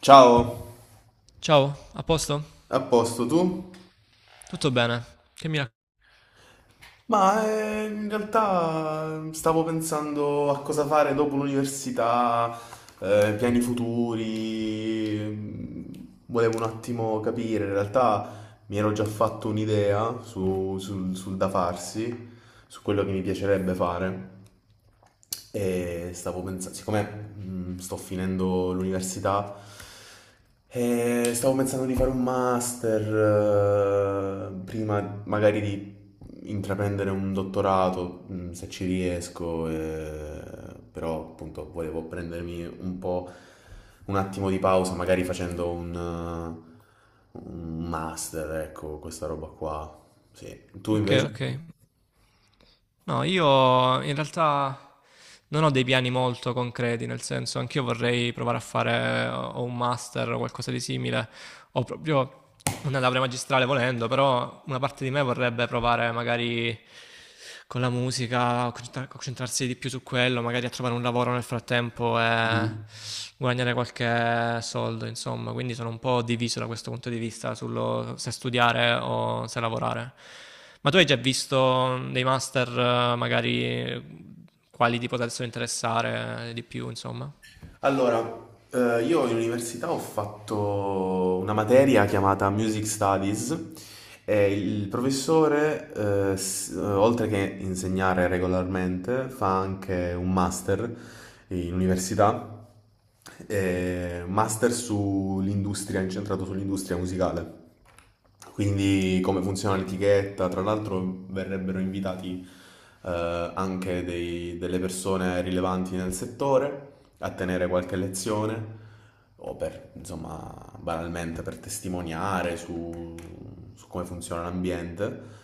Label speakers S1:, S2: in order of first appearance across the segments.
S1: Ciao,
S2: Ciao, a posto?
S1: a posto tu?
S2: Tutto bene? Che mi rac-
S1: Ma in realtà stavo pensando a cosa fare dopo l'università, piani futuri. Volevo un attimo capire, in realtà mi ero già fatto un'idea sul da farsi, su quello che mi piacerebbe fare. E stavo pensando, siccome sto finendo l'università, stavo pensando di fare un master, prima magari di intraprendere un dottorato, se ci riesco, però appunto volevo prendermi un po' un attimo di pausa, magari facendo un master, ecco, questa roba qua. Sì. Tu
S2: Ok,
S1: invece?
S2: ok. No, io in realtà non ho dei piani molto concreti, nel senso, anch'io vorrei provare a fare o un master o qualcosa di simile, ho proprio una laurea magistrale volendo, però una parte di me vorrebbe provare magari con la musica, a concentrarsi di più su quello, magari a trovare un lavoro nel frattempo e guadagnare qualche soldo, insomma, quindi sono un po' diviso da questo punto di vista sullo se studiare o se lavorare. Ma tu hai già visto dei master, magari quali ti potessero interessare di più, insomma?
S1: Allora, io in università ho fatto una materia chiamata Music Studies e il professore, oltre che insegnare regolarmente, fa anche un master in università, master sull'industria, incentrato sull'industria musicale. Quindi come funziona l'etichetta, tra l'altro verrebbero invitati anche delle persone rilevanti nel settore a tenere qualche lezione o per, insomma, banalmente per testimoniare su come funziona l'ambiente.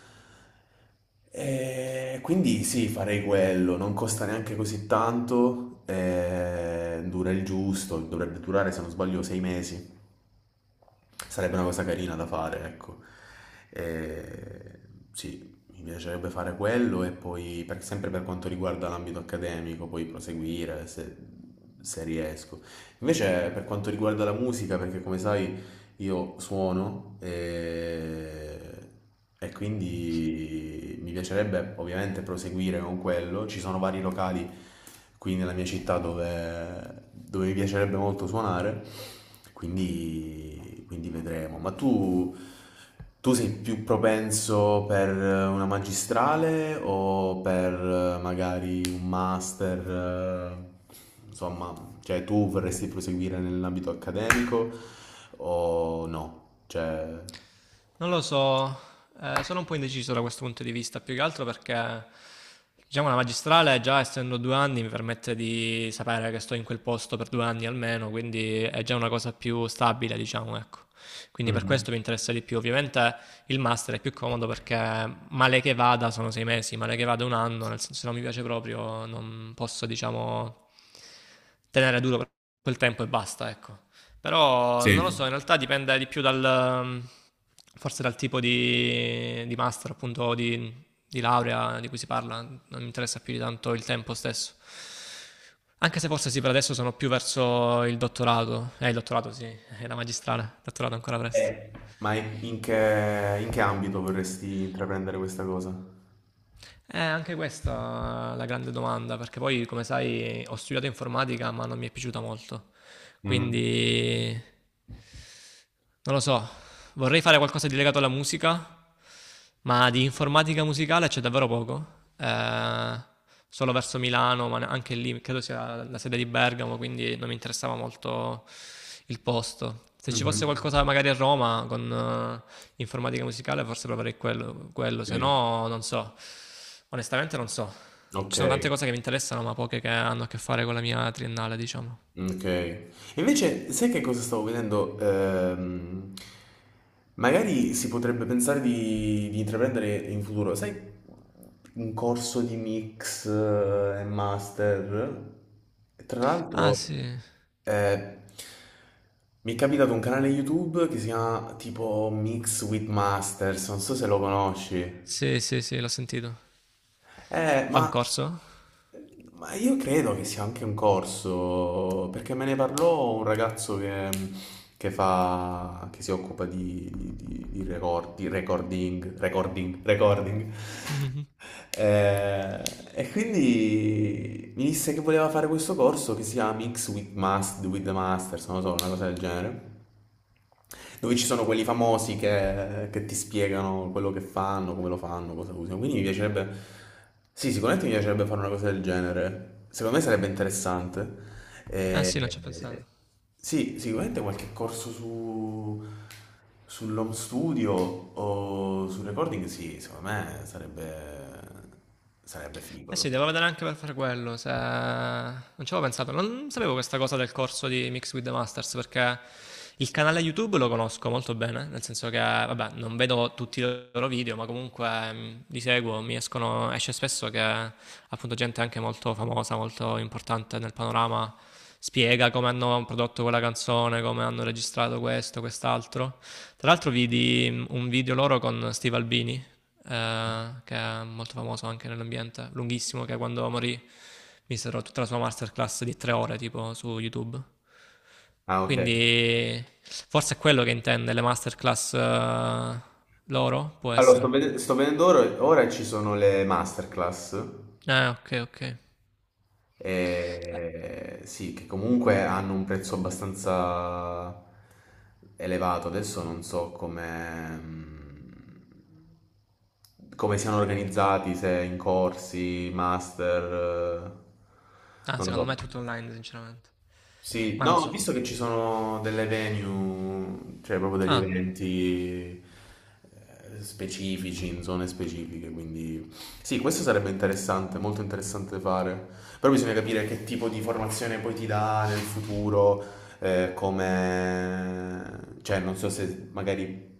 S1: E quindi sì, farei quello, non costa neanche così tanto, e dura il giusto, dovrebbe durare se non sbaglio sei mesi. Sarebbe una cosa carina da fare, ecco. E, sì, mi piacerebbe fare quello e poi, sempre per quanto riguarda l'ambito accademico, poi proseguire se riesco. Invece, per quanto riguarda la musica, perché come sai, io suono e quindi mi piacerebbe ovviamente proseguire con quello. Ci sono vari locali qui nella mia città dove mi piacerebbe molto suonare, quindi vedremo. Tu sei più propenso per una magistrale o per magari un master? eh, Insomma, cioè, tu vorresti proseguire nell'ambito accademico o no? Cioè,
S2: Non lo so, sono un po' indeciso da questo punto di vista, più che altro perché diciamo la magistrale, già essendo 2 anni, mi permette di sapere che sto in quel posto per 2 anni almeno, quindi è già una cosa più stabile, diciamo, ecco. Quindi per
S1: mhm.
S2: questo mi interessa di più. Ovviamente il master è più comodo perché male che vada sono 6 mesi, male che vada un anno, nel senso se non mi piace proprio non posso, diciamo, tenere duro per quel tempo e basta, ecco. Però non lo so,
S1: Sì.
S2: in realtà dipende di più dal, forse dal tipo di, master, appunto, di laurea di cui si parla. Non mi interessa più di tanto il tempo stesso. Anche se forse sì, per adesso sono più verso il dottorato. Il dottorato sì, è la magistrale, il dottorato ancora presto.
S1: Eh. Ma in che ambito vorresti intraprendere questa cosa?
S2: Anche questa è la grande domanda, perché poi, come sai, ho studiato informatica, ma non mi è piaciuta molto.
S1: Mhm.
S2: Quindi non lo so, vorrei fare qualcosa di legato alla musica, ma di informatica musicale c'è davvero poco. Solo verso Milano, ma anche lì credo sia la sede di Bergamo, quindi non mi interessava molto il posto. Se ci fosse
S1: Mhm.
S2: qualcosa magari a Roma con informatica musicale, forse proverei quello, se
S1: Sì.
S2: no non so. Onestamente non so. Ci
S1: Ok.
S2: sono tante cose che mi interessano, ma poche che hanno a che fare con la mia triennale, diciamo.
S1: Okay. Invece sai che cosa stavo vedendo? Magari si potrebbe pensare di intraprendere in futuro, sai, un corso di mix e master. Tra
S2: Ah,
S1: l'altro,
S2: sì.
S1: eh, mi è capitato un canale YouTube che si chiama tipo Mix with Masters, non so se lo conosci.
S2: Sì, sì, sì, l'ho sentito.
S1: Eh,
S2: Fa un
S1: ma
S2: corso?
S1: ma io credo che sia anche un corso, perché me ne parlò un ragazzo che fa, che si occupa di recording.
S2: Mhm.
S1: Eh, e quindi mi disse che voleva fare questo corso che si chiama with the Masters, non lo so, una cosa del genere. Dove ci sono quelli famosi che ti spiegano quello che fanno, come lo fanno, cosa usano. Quindi mi piacerebbe. Sì, sicuramente mi piacerebbe fare una cosa del genere. Secondo me sarebbe interessante.
S2: Eh sì, non ci ho
S1: Eh,
S2: pensato.
S1: sì, sicuramente qualche corso sull'home studio o sul recording, sì, secondo me sarebbe figo
S2: Eh
S1: da
S2: sì, devo
S1: fare.
S2: vedere anche per fare quello, se non ci avevo pensato, non sapevo questa cosa del corso di Mix with the Masters perché il canale YouTube lo conosco molto bene, nel senso che, vabbè, non vedo tutti i loro video, ma comunque li seguo, mi escono, esce spesso che appunto gente anche molto famosa, molto importante nel panorama spiega come hanno prodotto quella canzone, come hanno registrato questo, quest'altro. Tra l'altro vidi un video loro con Steve Albini che è molto famoso anche nell'ambiente, lunghissimo, che quando morì misero tutta la sua masterclass di 3 ore tipo su YouTube.
S1: Ah, ok.
S2: Quindi forse è quello che intende le masterclass loro, può
S1: Allora,
S2: essere.
S1: sto vedendo ora ci sono le masterclass.
S2: Ah, ok, ok.
S1: E sì, che comunque hanno un prezzo abbastanza elevato. Adesso non so come, come siano organizzati, se in corsi, master,
S2: Ah,
S1: non lo
S2: secondo me
S1: so.
S2: è tutto online, sinceramente.
S1: Sì,
S2: Ma
S1: no,
S2: non
S1: ho
S2: so.
S1: visto che ci sono delle venue, cioè proprio degli
S2: Ah,
S1: eventi specifici, in zone specifiche, quindi sì, questo sarebbe interessante, molto interessante fare, però bisogna capire che tipo di formazione poi ti dà nel futuro, cioè non so se magari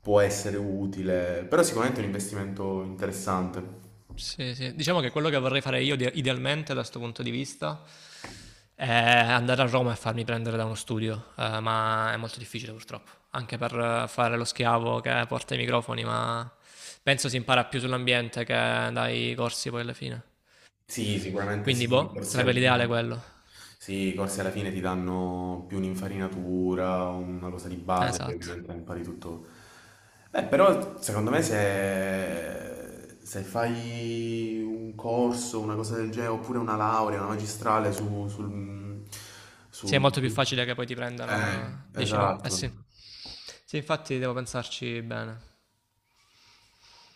S1: può essere utile, però sicuramente è un investimento interessante.
S2: sì, sì. Diciamo che quello che vorrei fare io idealmente da questo punto di vista Eh, andare a Roma e farmi prendere da uno studio, ma è molto difficile purtroppo, anche per fare lo schiavo che porta i microfoni, ma penso si impara più sull'ambiente che dai corsi poi alla fine.
S1: Sì, sicuramente
S2: Quindi,
S1: sì, i
S2: boh,
S1: corsi
S2: sarebbe
S1: alla
S2: l'ideale
S1: fine.
S2: quello.
S1: Sì, i corsi alla fine ti danno più un'infarinatura, una cosa di base, poi
S2: Esatto.
S1: ovviamente impari tutto. Beh, però secondo me se fai un corso, una cosa del genere, oppure una laurea, una magistrale
S2: Sì, è
S1: su,
S2: molto più facile che poi ti prendano, dici no? Eh sì.
S1: esatto.
S2: Sì, infatti devo pensarci bene.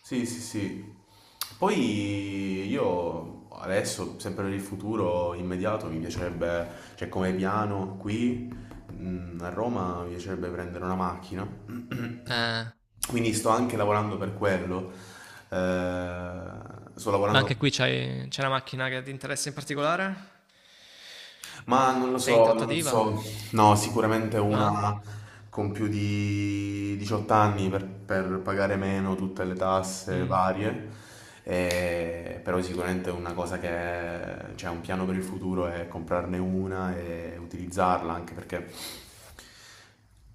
S1: Sì, sì, sì. Poi io adesso, sempre nel futuro immediato, mi piacerebbe, cioè come piano qui a Roma, mi piacerebbe prendere una macchina.
S2: Eh,
S1: Quindi sto anche lavorando per quello. Sto
S2: ma
S1: lavorando.
S2: anche qui c'è una macchina che ti interessa in particolare?
S1: Ma non lo
S2: Sei in
S1: so, non
S2: trattativa?
S1: so. No, sicuramente
S2: No?
S1: una con più di 18 anni per pagare meno tutte le tasse
S2: Mm,
S1: varie. Però sicuramente una cosa che c'è un piano per il futuro è comprarne una e utilizzarla, anche perché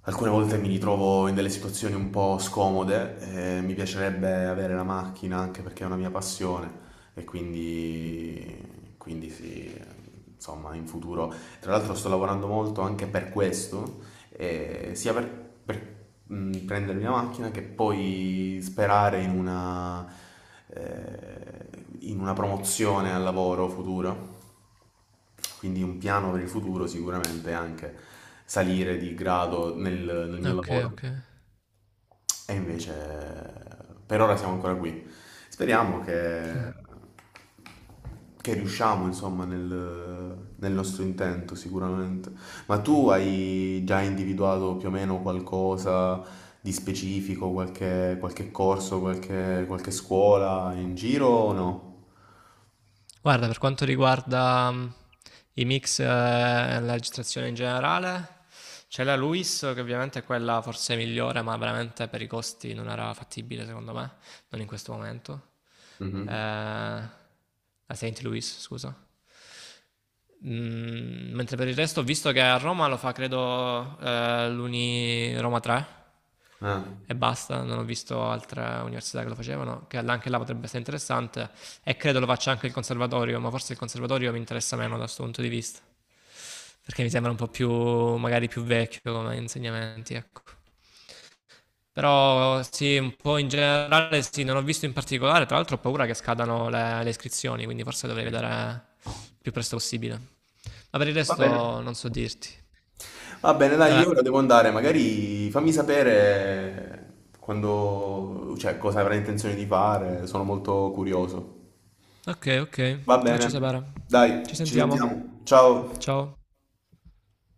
S1: alcune volte mi ritrovo in delle situazioni un po' scomode, mi piacerebbe avere la macchina anche perché è una mia passione, e quindi sì, insomma, in futuro. Tra l'altro sto lavorando molto anche per questo, eh, sia per, per, prendermi la macchina che poi sperare in eh, in una promozione al lavoro futuro. Quindi un piano per il futuro sicuramente è anche salire di grado nel mio
S2: Ok,
S1: lavoro.
S2: ok.
S1: E invece per ora siamo ancora qui. Speriamo che riusciamo, insomma, nel nostro intento sicuramente. Ma tu hai già individuato più o meno qualcosa di specifico, qualche corso, qualche scuola in giro o no?
S2: Guarda, per quanto riguarda i mix e la registrazione in generale, c'è la Luis che ovviamente è quella forse migliore, ma veramente per i costi non era fattibile secondo me, non in questo momento. Eh,
S1: Mhm.
S2: la Saint Louis, scusa. Mentre per il resto ho visto che a Roma lo fa, credo, l'Uni Roma 3
S1: Ah,
S2: e basta. Non ho visto altre università che lo facevano, che anche là potrebbe essere interessante. E credo lo faccia anche il conservatorio, ma forse il conservatorio mi interessa meno da questo punto di vista, perché mi sembra un po' più, magari più vecchio come insegnamenti, ecco. Però sì, un po' in generale sì, non ho visto in particolare, tra l'altro ho paura che scadano le iscrizioni, quindi forse dovrei vedere
S1: ok.
S2: il più presto possibile. Ma per il
S1: Va bene.
S2: resto non so dirti.
S1: Va bene, dai, io
S2: Vabbè.
S1: ora devo andare, magari fammi sapere quando, cioè, cosa avrai intenzione di fare, sono molto curioso.
S2: Ok, ok.
S1: Va
S2: Ti faccio
S1: bene,
S2: sapere. Ci
S1: dai, ci
S2: sentiamo.
S1: sentiamo. Ciao.
S2: Ciao.